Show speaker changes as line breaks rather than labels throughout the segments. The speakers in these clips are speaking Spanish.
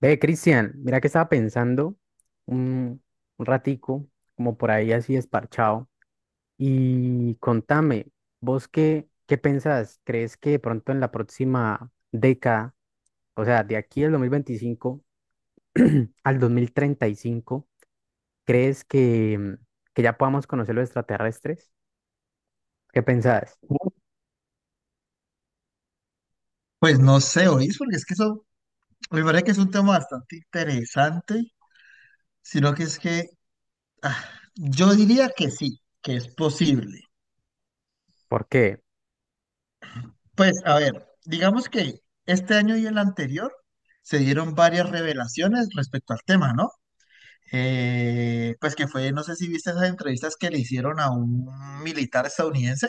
Ve, Cristian, mira que estaba pensando un, un ratico, como por ahí así esparchado, y contame, ¿vos qué, qué pensás? ¿Crees que de pronto en la próxima década, o sea, de aquí al 2025 al 2035, crees que, que ya podamos conocer los extraterrestres? ¿Qué pensás?
Pues no sé, oís, porque es que eso me parece que es un tema bastante interesante, sino que es que ah, yo diría que sí, que es posible.
Porque
Pues a ver, digamos que este año y el anterior se dieron varias revelaciones respecto al tema, ¿no? Pues que fue, no sé si viste esas entrevistas que le hicieron a un militar estadounidense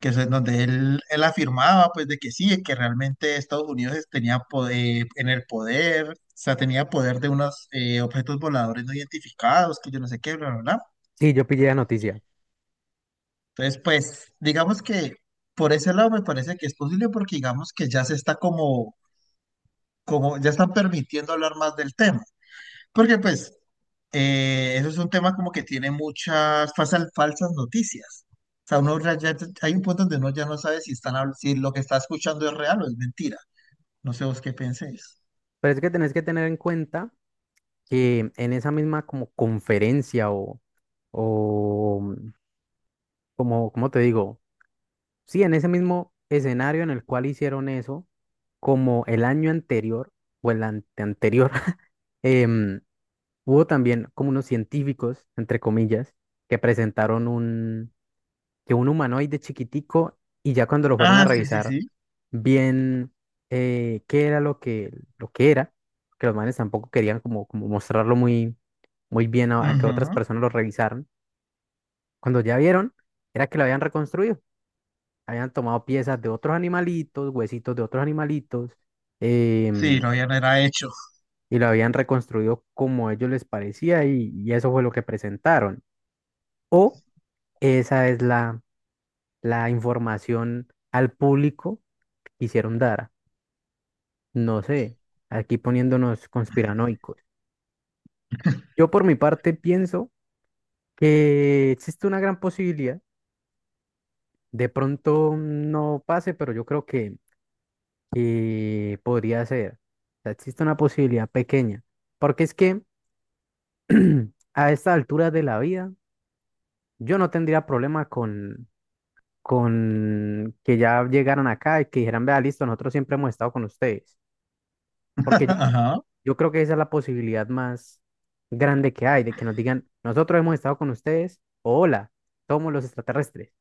que es en donde él afirmaba pues de que sí, que realmente Estados Unidos tenía poder, en el poder, o sea, tenía poder de unos objetos voladores no identificados, que yo no sé qué, bla, bla, bla.
sí, yo pillé la noticia,
Entonces, pues, digamos que por ese lado me parece que es posible porque digamos que ya se está ya están permitiendo hablar más del tema, porque pues, eso es un tema como que tiene muchas falsas noticias. O sea, uno hay un punto donde uno ya no sabe si están, si lo que está escuchando es real o es mentira. No sé vos qué penséis.
pero es que tenés que tener en cuenta que en esa misma como conferencia o o como, como te digo, sí, en ese mismo escenario en el cual hicieron eso, como el año anterior o el anteanterior, em, hubo también como unos científicos, entre comillas, que presentaron un, que un humanoide chiquitico y ya cuando lo fueron a
Ah, sí, sí,
revisar
sí.
bien qué era lo que era, que los manes tampoco querían como, como mostrarlo muy, muy bien a que otras
Ujú.
personas lo revisaran, cuando ya vieron, era que lo habían reconstruido. Habían tomado piezas de otros animalitos, huesitos de otros animalitos,
Sí,
em,
lo habían era hecho.
y lo habían reconstruido como a ellos les parecía y eso fue lo que presentaron. O esa es la, la información al público que quisieron dar. No sé, aquí poniéndonos conspiranoicos. Yo por mi parte pienso que existe una gran posibilidad. De pronto no pase, pero yo creo que podría ser. O sea, existe una posibilidad pequeña. Porque es que a esta altura de la vida, yo no tendría problema con que ya llegaran acá y que dijeran, vea, listo, nosotros siempre hemos estado con ustedes. Porque yo,
Ajá.
yo creo que esa es la posibilidad más grande que hay, de que nos digan, nosotros hemos estado con ustedes, o hola, somos los extraterrestres.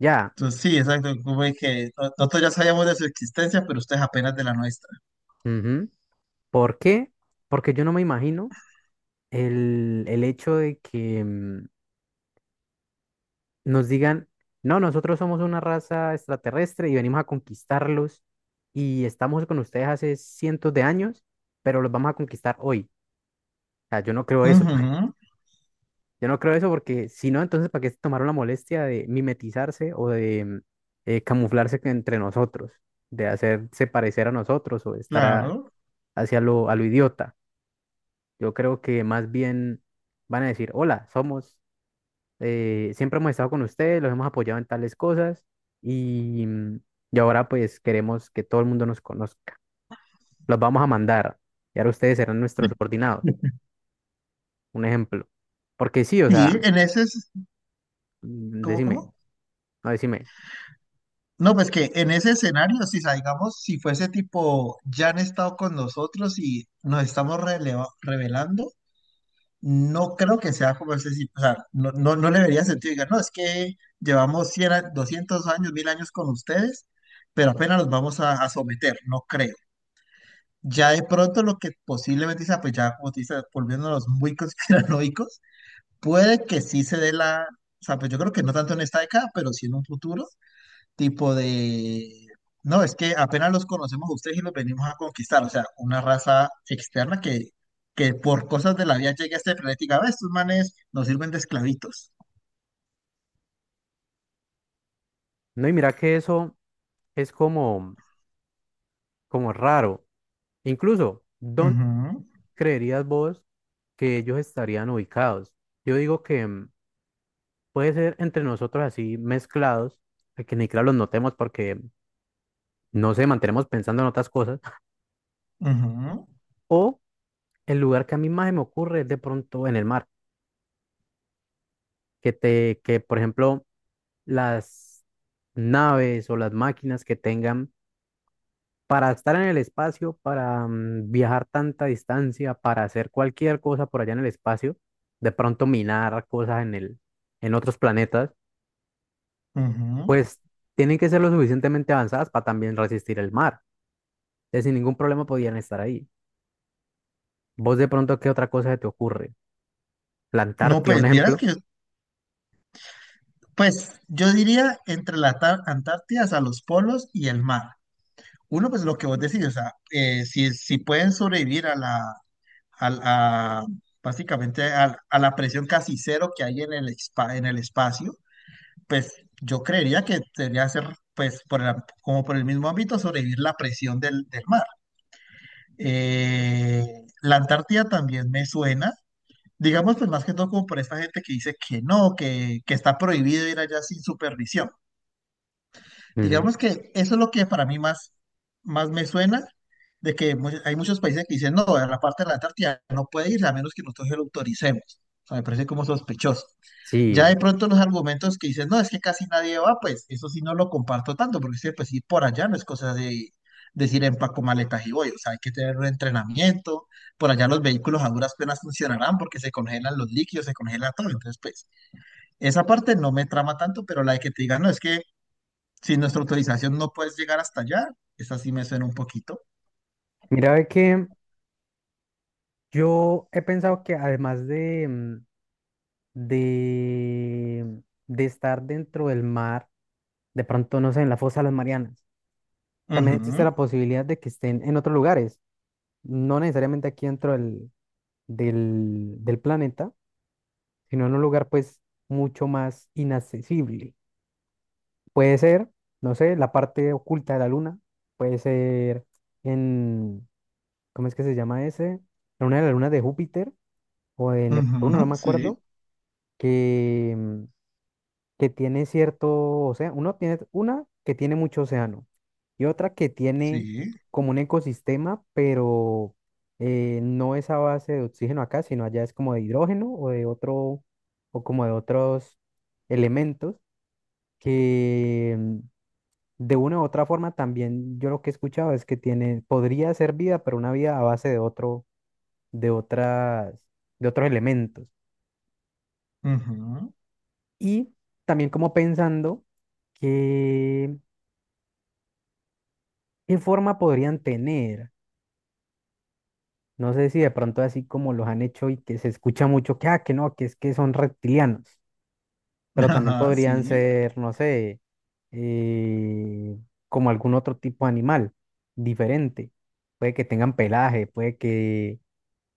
Ya.
Entonces, sí, exacto. Como de que nosotros ya sabíamos de su existencia, pero ustedes apenas de la nuestra.
Ujú. ¿Por qué? Porque yo no me imagino el hecho de que, nos digan, no, nosotros somos una raza extraterrestre y venimos a conquistarlos y estamos con ustedes hace cientos de años, pero los vamos a conquistar hoy. O sea, yo no creo eso.
Ujú.
Yo no creo eso porque si no, entonces, ¿para qué se tomaron la molestia de mimetizarse o de camuflarse que- entre nosotros, de hacerse parecer a nosotros o de estar a-
Claro.
hacia lo, a lo idiota? Yo creo que más bien van a decir, hola, somos siempre hemos estado con ustedes, los hemos apoyado en tales cosas y, y ahora pues queremos que todo el mundo nos conozca. Los vamos a mandar y ahora ustedes serán nuestros subordinados, un ejemplo. Porque sí, o
Sí,
sea,
en ese,
mm,
¿cómo,
decime,
cómo?
no, decime.
No, pues que en ese escenario, si salgamos, si fuese tipo, ya han estado con nosotros y nos estamos revelando. No creo que sea como ese, sí, o sea, no, no, no le vería sentido. Diga, no, es que llevamos 200 años, 1000 años con ustedes, pero apenas los vamos a someter, no creo. Ya de pronto lo que posiblemente sea, pues ya como te dice, volviéndonos muy conspiranoicos, puede que sí se dé la, o sea, pues yo creo que no tanto en esta década, pero sí en un futuro, tipo de, no, es que apenas los conocemos a ustedes y los venimos a conquistar, o sea, una raza externa que por cosas de la vida llega a este planeta y diga, "Ve, estos manes nos sirven de esclavitos".
No, y mira que eso es como, como raro. Incluso, ¿dónde
Ujú,
creerías vos que ellos estarían ubicados? Yo digo que puede ser entre nosotros así mezclados, que ni claro los notemos porque, no sé, mantenemos pensando en otras cosas.
ujú,
O el lugar que a mí más se me ocurre es de pronto en el mar, que te, que por ejemplo las naves o las máquinas que tengan para estar en el espacio, para viajar tanta distancia, para hacer cualquier cosa por allá en el espacio, de pronto minar cosas en el, en otros planetas,
ujú.
pues tienen que ser lo suficientemente avanzadas para también resistir el mar. Entonces, sin ningún problema podían estar ahí. Vos de pronto, ¿qué otra cosa se te ocurre?
No,
Plantarte, un
pues vieras
ejemplo.
que, pues yo diría entre la Antártida, a los polos y el mar. Uno, pues lo que vos decís, o sea, si pueden sobrevivir a la, a, básicamente a la presión casi cero que hay en el, en el espacio, pues yo creería que debería ser, pues, como por el mismo ámbito, sobrevivir la presión del mar. Eh, la Antártida también me suena, digamos, pues más que todo como por esta gente que dice que no, que está prohibido ir allá sin supervisión.
Ujú.
Digamos que eso es lo que para mí más me suena, de que hay muchos países que dicen, no, a la parte de la Antártida no puede ir a menos que nosotros se lo autoricemos. O sea, me parece como sospechoso.
Sí.
Ya de pronto los argumentos que dicen, no, es que casi nadie va, pues eso sí no lo comparto tanto, porque sí, pues sí, por allá no es cosa de decir empaco maletas y voy, o sea, hay que tener un entrenamiento, por allá los vehículos a duras penas funcionarán porque se congelan los líquidos, se congela todo, entonces pues esa parte no me trama tanto, pero la de que te digan, no, es que sin nuestra autorización no puedes llegar hasta allá, esa sí me suena un poquito.
Mira, ve que yo he pensado que además de, de, de estar dentro del mar, de pronto, no sé, en la fosa de las Marianas, también existe la
Ujú,
posibilidad de que estén en otros lugares, no necesariamente aquí dentro del, del, del planeta, sino en un lugar pues mucho más inaccesible. Puede ser, no sé, la parte oculta de la luna, puede ser en, ¿cómo es que se llama ese? En una de las lunas de Júpiter o de Neptuno, no
ujú,
me
sí,
acuerdo que que tiene cierto océano, uno tiene una que tiene mucho océano y otra que tiene
sí,
como un ecosistema, pero no es a base de oxígeno acá, sino allá es como de hidrógeno o de otro, o como de otros elementos que de una u otra forma también yo lo que he escuchado es que tiene, podría ser vida, pero una vida a base de otro, de otras, de otros elementos.
ujú,
Y también como pensando que ¿qué forma podrían tener? No sé si de pronto así como los han hecho y que se escucha mucho que, ah, que no, que es que son reptilianos, pero también
ajá,
podrían
sí.
ser, no sé, eh, como algún otro tipo de animal diferente. Puede que tengan pelaje, puede que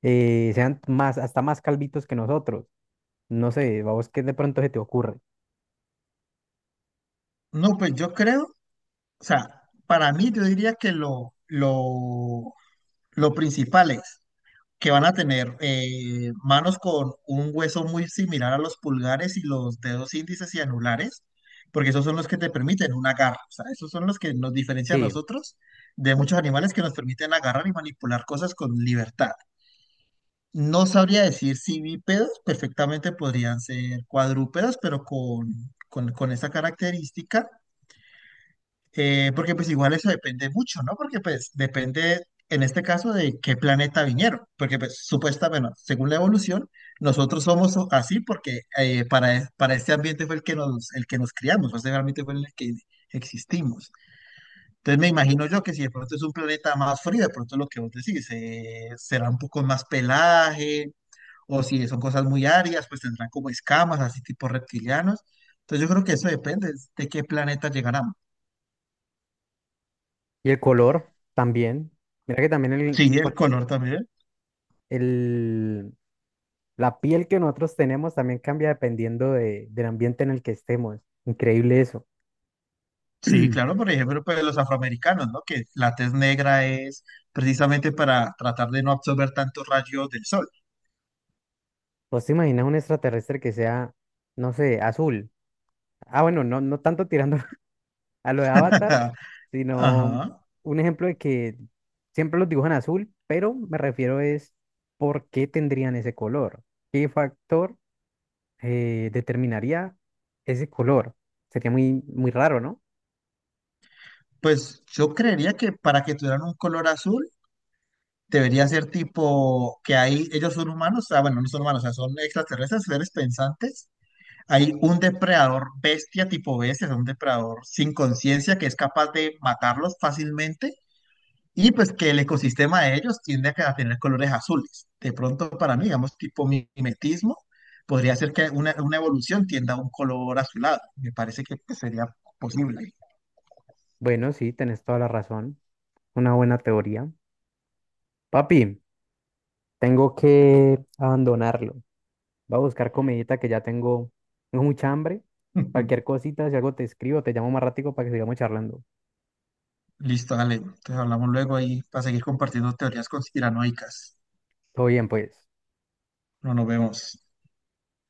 sean más, hasta más calvitos que nosotros. No sé, vamos, ¿qué de pronto se te ocurre?
No, pues yo creo. O sea, para mí yo diría que lo principal es que van a tener manos con un hueso muy similar a los pulgares y los dedos índices y anulares, porque esos son los que te permiten un agarre. O sea, esos son los que nos diferencian a
Sí,
nosotros de muchos animales que nos permiten agarrar y manipular cosas con libertad. No sabría decir si bípedos, perfectamente podrían ser cuadrúpedos, pero con esa característica. Porque pues igual eso depende mucho, ¿no? Porque pues depende en este caso de qué planeta vinieron, porque pues supuestamente, bueno, según la evolución, nosotros somos así porque para, para este ambiente fue el que nos criamos, este realmente fue en el que existimos. Entonces me imagino yo que si de pronto es un planeta más frío, de pronto lo que vos decís, será un poco más pelaje, o si son cosas muy áridas, pues tendrán como escamas, así tipo reptilianos. Entonces yo creo que eso depende de qué planeta llegarán.
y el color también. Mira que también
Sí,
el,
el
bueno,
color también.
el, la piel que nosotros tenemos también cambia dependiendo de- del ambiente en el que estemos. Increíble eso.
Sí, claro, por ejemplo, pues los afroamericanos, ¿no? Que la tez negra es precisamente para tratar de no absorber tantos rayos del sol.
¿Vos te imaginas un extraterrestre que sea, no sé, azul? Ah, bueno, no, no tanto tirando a lo de Avatar, sino
Ajá.
un ejemplo de que siempre los dibujan azul, pero me refiero es por qué tendrían ese color. ¿Qué factor determinaría ese color? Sería muy, muy raro, ¿no?
Pues yo creería que para que tuvieran un color azul, debería ser tipo que ahí ellos son humanos, ah, bueno, no son humanos, o sea, son extraterrestres, seres pensantes. Hay un depredador bestia tipo bestia, o sea, un depredador sin conciencia que es capaz de matarlos fácilmente. Y pues que el ecosistema de ellos tiende a, a tener colores azules. De pronto, para mí, digamos, tipo mimetismo, podría ser que una evolución tienda a un color azulado. Me parece que pues, sería posible.
Bueno, sí, tenés toda la razón. Una buena teoría. Papi. Tengo que abandonarlo. Voy a buscar comidita que ya tengo, tengo mucha hambre. Cualquier cosita, si algo te escribo, te llamo más ratico para que sigamos charlando.
Listo, dale. Entonces hablamos luego ahí para seguir compartiendo teorías conspiranoicas.
Todo bien, pues.
No nos vemos.